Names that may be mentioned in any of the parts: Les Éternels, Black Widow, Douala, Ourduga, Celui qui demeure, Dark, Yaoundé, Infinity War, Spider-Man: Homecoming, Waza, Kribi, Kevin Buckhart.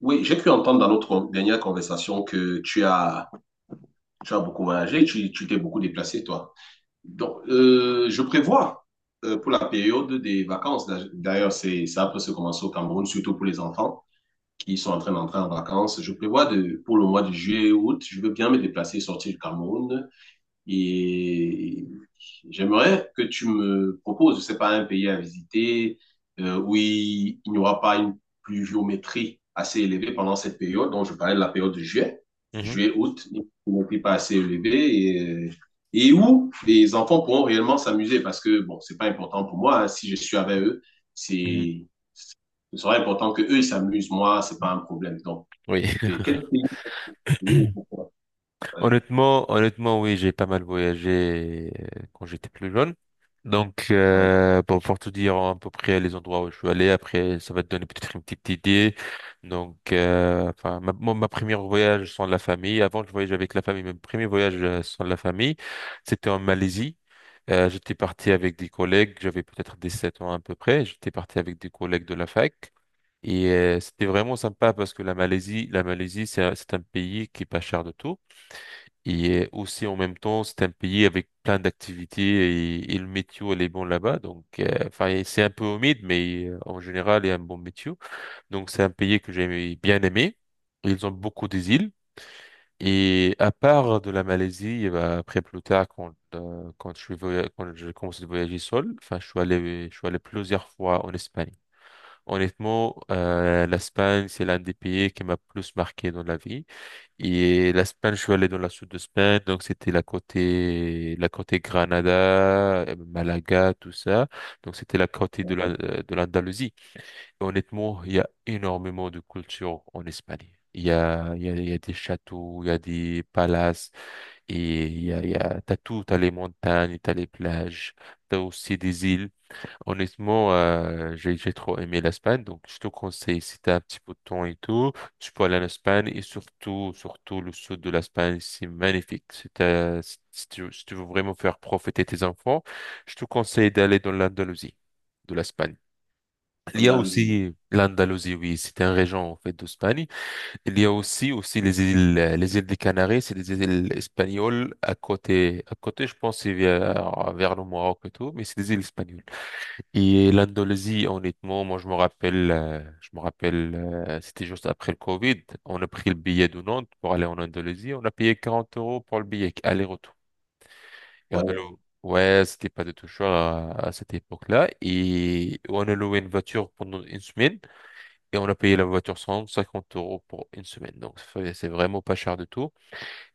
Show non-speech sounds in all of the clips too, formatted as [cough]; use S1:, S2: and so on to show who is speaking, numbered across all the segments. S1: Oui, j'ai cru entendre dans notre dernière conversation que tu as beaucoup voyagé, tu t'es beaucoup déplacé, toi. Donc, je prévois pour la période des vacances, d'ailleurs, ça peut se commencer au Cameroun, surtout pour les enfants qui sont en train d'entrer en vacances. Je prévois de, pour le mois de juillet et août, je veux bien me déplacer, sortir du Cameroun, et j'aimerais que tu me proposes, je sais pas, un pays à visiter où il n'y aura pas une pluviométrie assez élevée pendant cette période. Donc, je parlais de la période de juillet,
S2: Mhm,
S1: juillet, août, une pluviométrie pas assez élevée euh, et où les enfants pourront réellement s'amuser parce que, bon, c'est pas important pour moi, hein, si je suis avec eux,
S2: mhm.
S1: c'est, ce sera important que eux ils s'amusent. Moi, c'est pas un problème. Donc,
S2: Oui, [laughs]
S1: quel pays? Ouais,
S2: Honnêtement, honnêtement, oui, j'ai pas mal voyagé quand j'étais plus jeune. Donc,
S1: ouais,
S2: bon, pour tout dire à peu près les endroits où je suis allé, après, ça va te donner peut-être une petite idée. Donc, enfin, ma première voyage sans la famille, avant je voyageais avec la famille, mais mon premier voyage sans la famille, c'était en Malaisie. J'étais parti avec des collègues, j'avais peut-être 17 ans à peu près, j'étais parti avec des collègues de la fac. Et c'était vraiment sympa parce que la Malaisie, c'est un pays qui est pas cher de tout. Et aussi, en même temps, c'est un pays avec plein d'activités et le météo, elle est bon là-bas. Donc, enfin, c'est un peu humide, mais en général, il y a un bon météo. Donc, c'est un pays que j'ai bien aimé. Ils ont beaucoup des îles. Et à part de la Malaisie, eh ben, après plus tard, quand j'ai commencé à voyager seul, enfin, je suis allé plusieurs fois en Espagne. Honnêtement, l'Espagne, c'est l'un des pays qui m'a plus marqué dans la vie. Et l'Espagne, je suis allé dans la sud de l'Espagne, donc c'était la côté Granada, Malaga, tout ça. Donc c'était la côté de la,
S1: ouais.
S2: euh, de l'Andalousie. Et honnêtement, il y a énormément de culture en Espagne. Il y a des châteaux, il y a des palaces, et t'as tout, t'as les montagnes, t'as les plages, t'as aussi des îles. Honnêtement, j'ai trop aimé l'Espagne, donc je te conseille, si t'as un petit peu de temps et tout, tu peux aller en Espagne et surtout, surtout le sud de l'Espagne, c'est magnifique. Si t'as- si si tu, si tu veux vraiment faire profiter tes enfants, je te conseille d'aller dans l'Andalousie de l'Espagne. Il y a
S1: Andalousie.
S2: aussi l'Andalousie, oui, c'est un région en fait d'Espagne. Il y a aussi les îles des Canaries, c'est des îles espagnoles à côté, je pense, c'est vers le Maroc et tout, mais c'est des îles espagnoles. Et l'Indonésie, honnêtement, moi je me rappelle, c'était juste après le Covid, on a pris le billet de Nantes pour aller en Indonésie, on a payé 40 euros pour le billet aller-retour. Et on a
S1: Ouais.
S2: loué, ouais, c'était pas de tout cher à cette époque-là, et on a loué une voiture pendant une semaine, et on a payé la voiture 150 euros pour une semaine, donc ça fait- c'est vraiment pas cher du tout.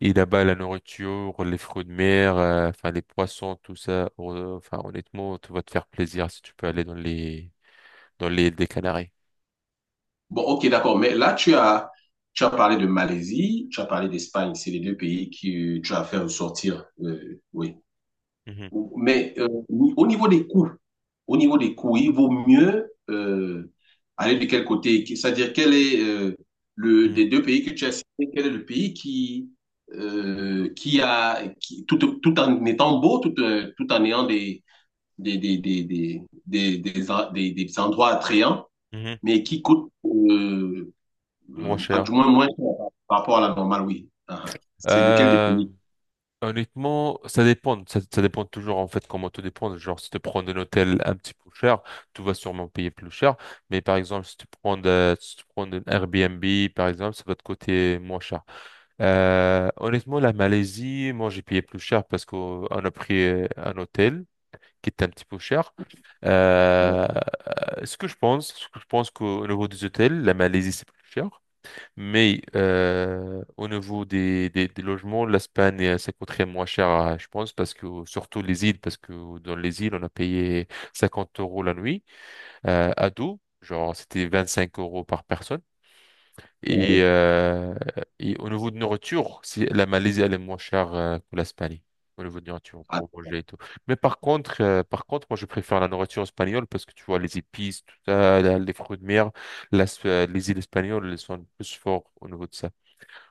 S2: Et là-bas, la nourriture, les fruits de mer, enfin les poissons, tout ça, enfin honnêtement, tu vas te faire plaisir si tu peux aller dans les dans l'île des Canaries.
S1: Bon, ok, d'accord. Mais là, tu as parlé de Malaisie, tu as parlé d'Espagne. C'est les deux pays que tu as fait ressortir, oui.
S2: Mhm,
S1: Mais au niveau des coûts, au niveau des coûts, il vaut mieux aller de quel côté? C'est-à-dire, quel est le des
S2: mhm,
S1: deux pays que tu as cités, quel est le pays qui a tout, tout en étant beau, tout, tout en ayant des des des des des des, des endroits attrayants,
S2: mhm.
S1: mais qui coûte
S2: Moins
S1: ah, du
S2: cher.
S1: moins, moins cher par par rapport à la normale, oui. Ah, ah. C'est lequel des
S2: Euh,
S1: pays?
S2: Honnêtement, ça dépend. Ça dépend toujours en fait comment tout dépend. Genre, si tu prends un hôtel un petit peu cher, tu vas sûrement payer plus cher. Mais par exemple, si tu prends un Airbnb, par exemple, ça va te coûter moins cher. Honnêtement, la Malaisie, moi j'ai payé plus cher parce qu'on a pris un hôtel qui était un petit peu cher.
S1: Ouais,
S2: Euh, ce que je pense qu'au niveau des hôtels, la Malaisie c'est plus cher. Mais au niveau des logements, l'Espagne, ça coûterait moins cher, je pense, parce que surtout les îles, parce que dans les îles, on a payé 50 euros la nuit à dos, genre c'était 25 euros par personne. Et,
S1: ouais.
S2: euh, et au niveau de nourriture, c'est- la Malaisie, elle est moins chère que l'Espagne, au niveau de nourriture,
S1: Ah,
S2: pour manger et tout. Mais par contre, moi, je préfère la nourriture espagnole parce que tu vois, les épices, tout ça, les fruits de mer, les îles espagnoles, elles sont plus fortes au niveau de ça.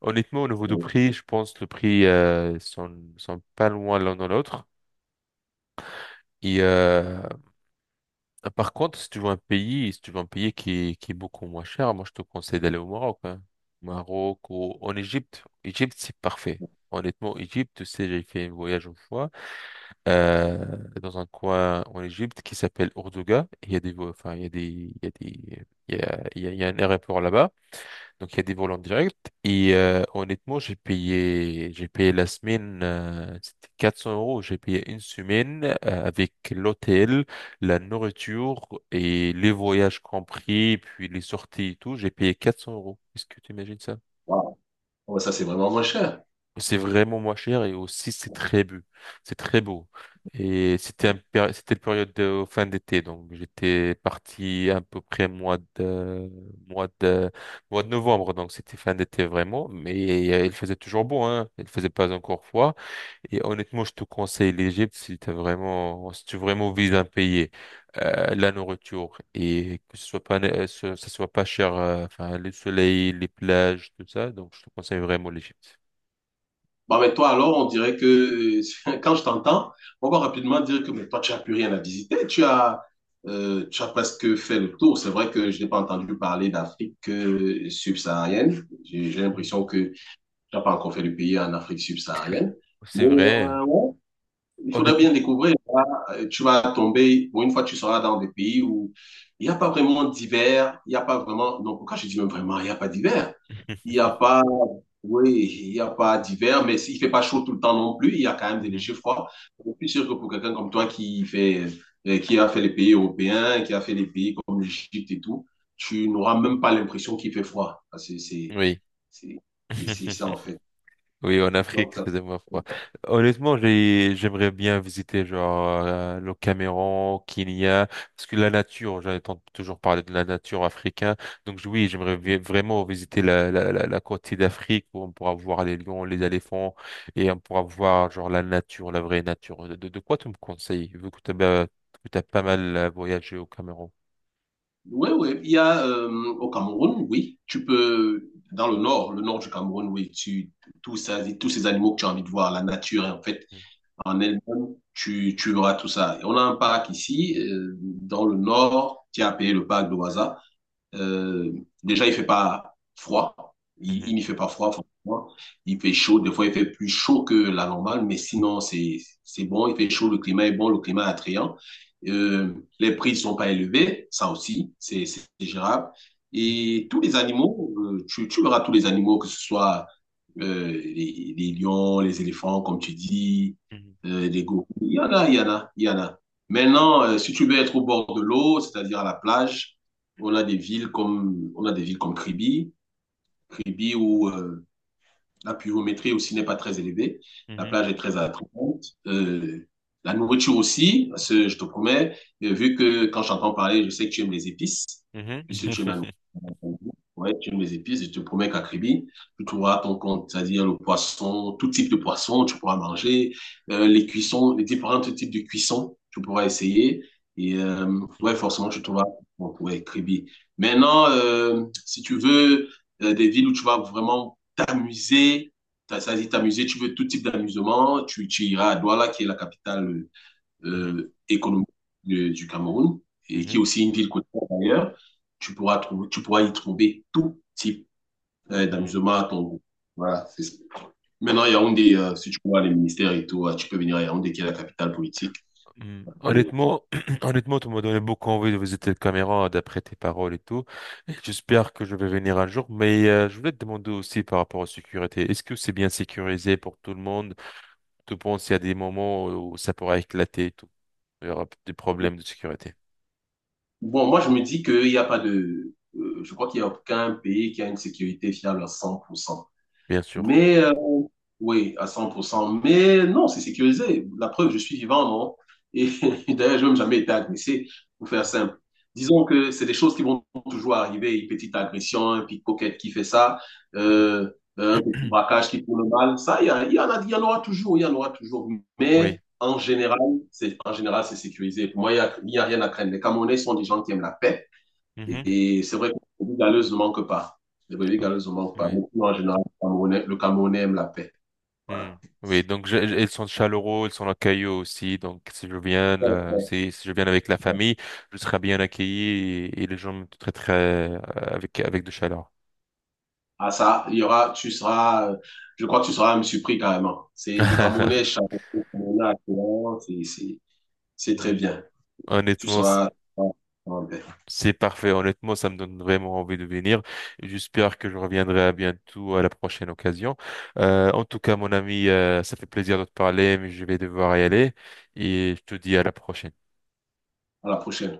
S2: Honnêtement, au niveau du
S1: ouais.
S2: prix, je pense le prix sont pas loin l'un de l'autre. Et par contre, si tu veux un pays, si tu veux un pays qui est beaucoup moins cher, moi je te conseille d'aller au Maroc. Hein. Maroc ou en Égypte. Égypte, c'est parfait. Honnêtement, Égypte, tu sais, j'ai fait un voyage une fois euh, dans un coin en Égypte qui s'appelle Ourduga. Il y a un aéroport là-bas. Donc il y a des volants directs. Et honnêtement, j'ai payé la semaine, c'était 400 euros. J'ai payé une semaine avec l'hôtel, la nourriture et les voyages compris, puis les sorties et tout. J'ai payé 400 euros. Est-ce que tu imagines ça?
S1: Waouh. Ouais, ça, c'est vraiment moins cher.
S2: C'est vraiment moins cher et aussi c'est très beau. C'est très beau. Et c'était
S1: Ouais.
S2: c'était une période de fin d'été, donc j'étais parti à peu près mois de mois de novembre, donc c'était fin d'été vraiment. Mais il faisait toujours beau, hein. Il faisait pas encore froid. Et honnêtement, je te conseille l'Égypte si t'as vraiment si tu vraiment vises un pays, la nourriture et que ce soit pas ce- ça soit pas cher, enfin le soleil, les plages, tout ça. Donc je te conseille vraiment l'Égypte.
S1: Bon, mais toi, alors, on dirait que [laughs] quand je t'entends, on va rapidement dire que mais toi, tu n'as plus rien à visiter. Tu as presque fait le tour. C'est vrai que je n'ai pas entendu parler d'Afrique subsaharienne. J'ai l'impression que tu n'as pas encore fait le pays en Afrique subsaharienne. Mais,
S2: C'est vrai.
S1: ouais, il faudrait
S2: Honnêtement.
S1: bien découvrir. Là, tu vas tomber, bon, une fois que tu seras dans des pays où il n'y a pas vraiment d'hiver, il n'y a pas vraiment. Non, pourquoi je dis même vraiment, il n'y a pas d'hiver? Il n'y
S2: [laughs]
S1: a pas. Oui, il n'y a pas d'hiver, mais s'il ne fait pas chaud tout le temps non plus, il y a quand même des
S2: Mhm.
S1: légers froids. Je suis sûr que pour quelqu'un comme toi qui fait, qui a fait les pays européens, qui a fait les pays comme l'Égypte et tout, tu n'auras même pas l'impression qu'il fait froid. Ah,
S2: Oui.
S1: c'est- c'est ça, en
S2: [laughs]
S1: fait.
S2: Oui, en Afrique,
S1: Donc,
S2: il
S1: ça-
S2: faisait moins froid. Honnêtement, j'aimerais bien visiter genre le Cameroun, Kenya, parce que la nature, j'entends toujours parler de la nature africaine. Donc oui, j'aimerais vraiment visiter la côte d'Afrique où on pourra voir les lions, les éléphants et on pourra voir genre la nature, la vraie nature. De quoi tu me conseilles, vu que tu as, pas mal voyagé au Cameroun?
S1: Oui, oui. Il y a au Cameroun, oui. Tu peux, dans le nord du Cameroun, oui, tu, tout ça, tous ces animaux que tu as envie de voir, la nature, en fait,
S2: Mhm.
S1: en elle-même, tu verras tout ça. Et on a un parc ici, dans le nord, qui est appelé le parc de Waza. Euh, déjà, il fait pas froid.
S2: Mhm.
S1: Il n'y fait pas froid, franchement. Il fait chaud. Des fois, il fait plus chaud que la normale, mais sinon, c'est bon. Il fait chaud, le climat est bon, le climat est attrayant. Euh, les prix ne sont pas élevés, ça aussi, c'est gérable.
S2: Mhm.
S1: Et tous les animaux, tu, tu verras tous les animaux, que ce soit les lions, les éléphants, comme tu dis, les gorilles. Il y en a. Maintenant, si tu veux être au bord de l'eau, c'est-à-dire à la plage, on a des villes comme Kribi, Kribi où la pluviométrie aussi n'est pas très élevée.
S2: Mhm.
S1: La
S2: Mhm.
S1: plage est très attrayante. La nourriture aussi, parce que je te promets, vu que quand j'entends parler, je sais que tu aimes les épices,
S2: Mhm.
S1: puisque tu aimes la
S2: [laughs]
S1: nourriture. Ouais, tu aimes les épices, je te promets qu'à Kribi, tu trouveras ton compte, c'est-à-dire le poisson, tout type de poisson, tu pourras manger, les cuissons, les différents types de cuissons, tu pourras essayer. Et ouais,
S2: Mhm.
S1: forcément, tu trouveras bon, ouais, Kribi. Maintenant, si tu veux des villes où tu vas vraiment t'amuser. Ça dit t'amuser, tu veux tout type d'amusement, tu iras à Douala, qui est la capitale
S2: Mhm.
S1: économique du Cameroun, et qui est
S2: Mhm.
S1: aussi une ville côtière d'ailleurs. Tu pourras y trouver tout type
S2: Mhm.
S1: d'amusement
S2: [laughs]
S1: à ton goût. Voilà, c'est ça. Maintenant,
S2: Oh,
S1: Yaoundé, si tu vois les ministères et tout, tu peux venir à Yaoundé, qui est la capitale politique.
S2: hmm.
S1: Et-
S2: Honnêtement, [clears throat] honnêtement, tu m'as donné beaucoup envie de visiter le Cameroun d'après tes paroles et tout. J'espère que je vais venir un jour, mais je voulais te demander aussi par rapport à la sécurité. Est-ce que c'est bien sécurisé pour tout le monde? Tu penses qu'il y a des moments où ça pourrait éclater et tout? Il y aura des problèmes de sécurité,
S1: bon, moi, je me dis qu'il n'y a pas de... je crois qu'il n'y a aucun pays qui a une sécurité fiable à 100%.
S2: bien sûr.
S1: Mais oui, à 100%. Mais non, c'est sécurisé. La preuve, je suis vivant, non? Et [laughs] d'ailleurs, je n'ai même jamais été agressé, pour faire simple. Disons que c'est des choses qui vont toujours arriver, une petite agression, un pickpocket qui fait ça,
S2: Mhm.
S1: euh, un petit
S2: [clears throat]
S1: braquage qui prend le mal. Ça, il y en aura toujours, il y en aura toujours.
S2: Oui.
S1: Mais en général, c'est sécurisé. Pour moi, il y a rien à craindre. Les Camerounais sont des gens qui aiment la paix.
S2: Mhm.
S1: Et c'est vrai que les brebis galeuses ne manquent pas. Les brebis
S2: Oh,
S1: galeuses ne manquent pas.
S2: oui.
S1: Mais sinon, en général, le Camerounais aime la paix.
S2: Hmm.
S1: Voilà.
S2: Oui, donc ils sont chaleureux, ils sont accueillants aussi. Donc si je viens, là, si je viens avec la famille, je serai bien accueilli et les gens me traiteraient avec de chaleur.
S1: Ah ça, tu seras, je crois que tu seras même surpris carrément. C'est le Camerounais,
S2: [laughs]
S1: chaque c'est c'est- c'est très
S2: Hmm.
S1: bien.
S2: Honnêtement,
S1: Tu seras en paix.
S2: c'est parfait. Honnêtement, ça me donne vraiment envie de venir. J'espère que je reviendrai à bientôt à la prochaine occasion. En tout cas, mon ami, ça fait plaisir de te parler, mais je vais devoir y aller et je te dis à la prochaine.
S1: À la prochaine.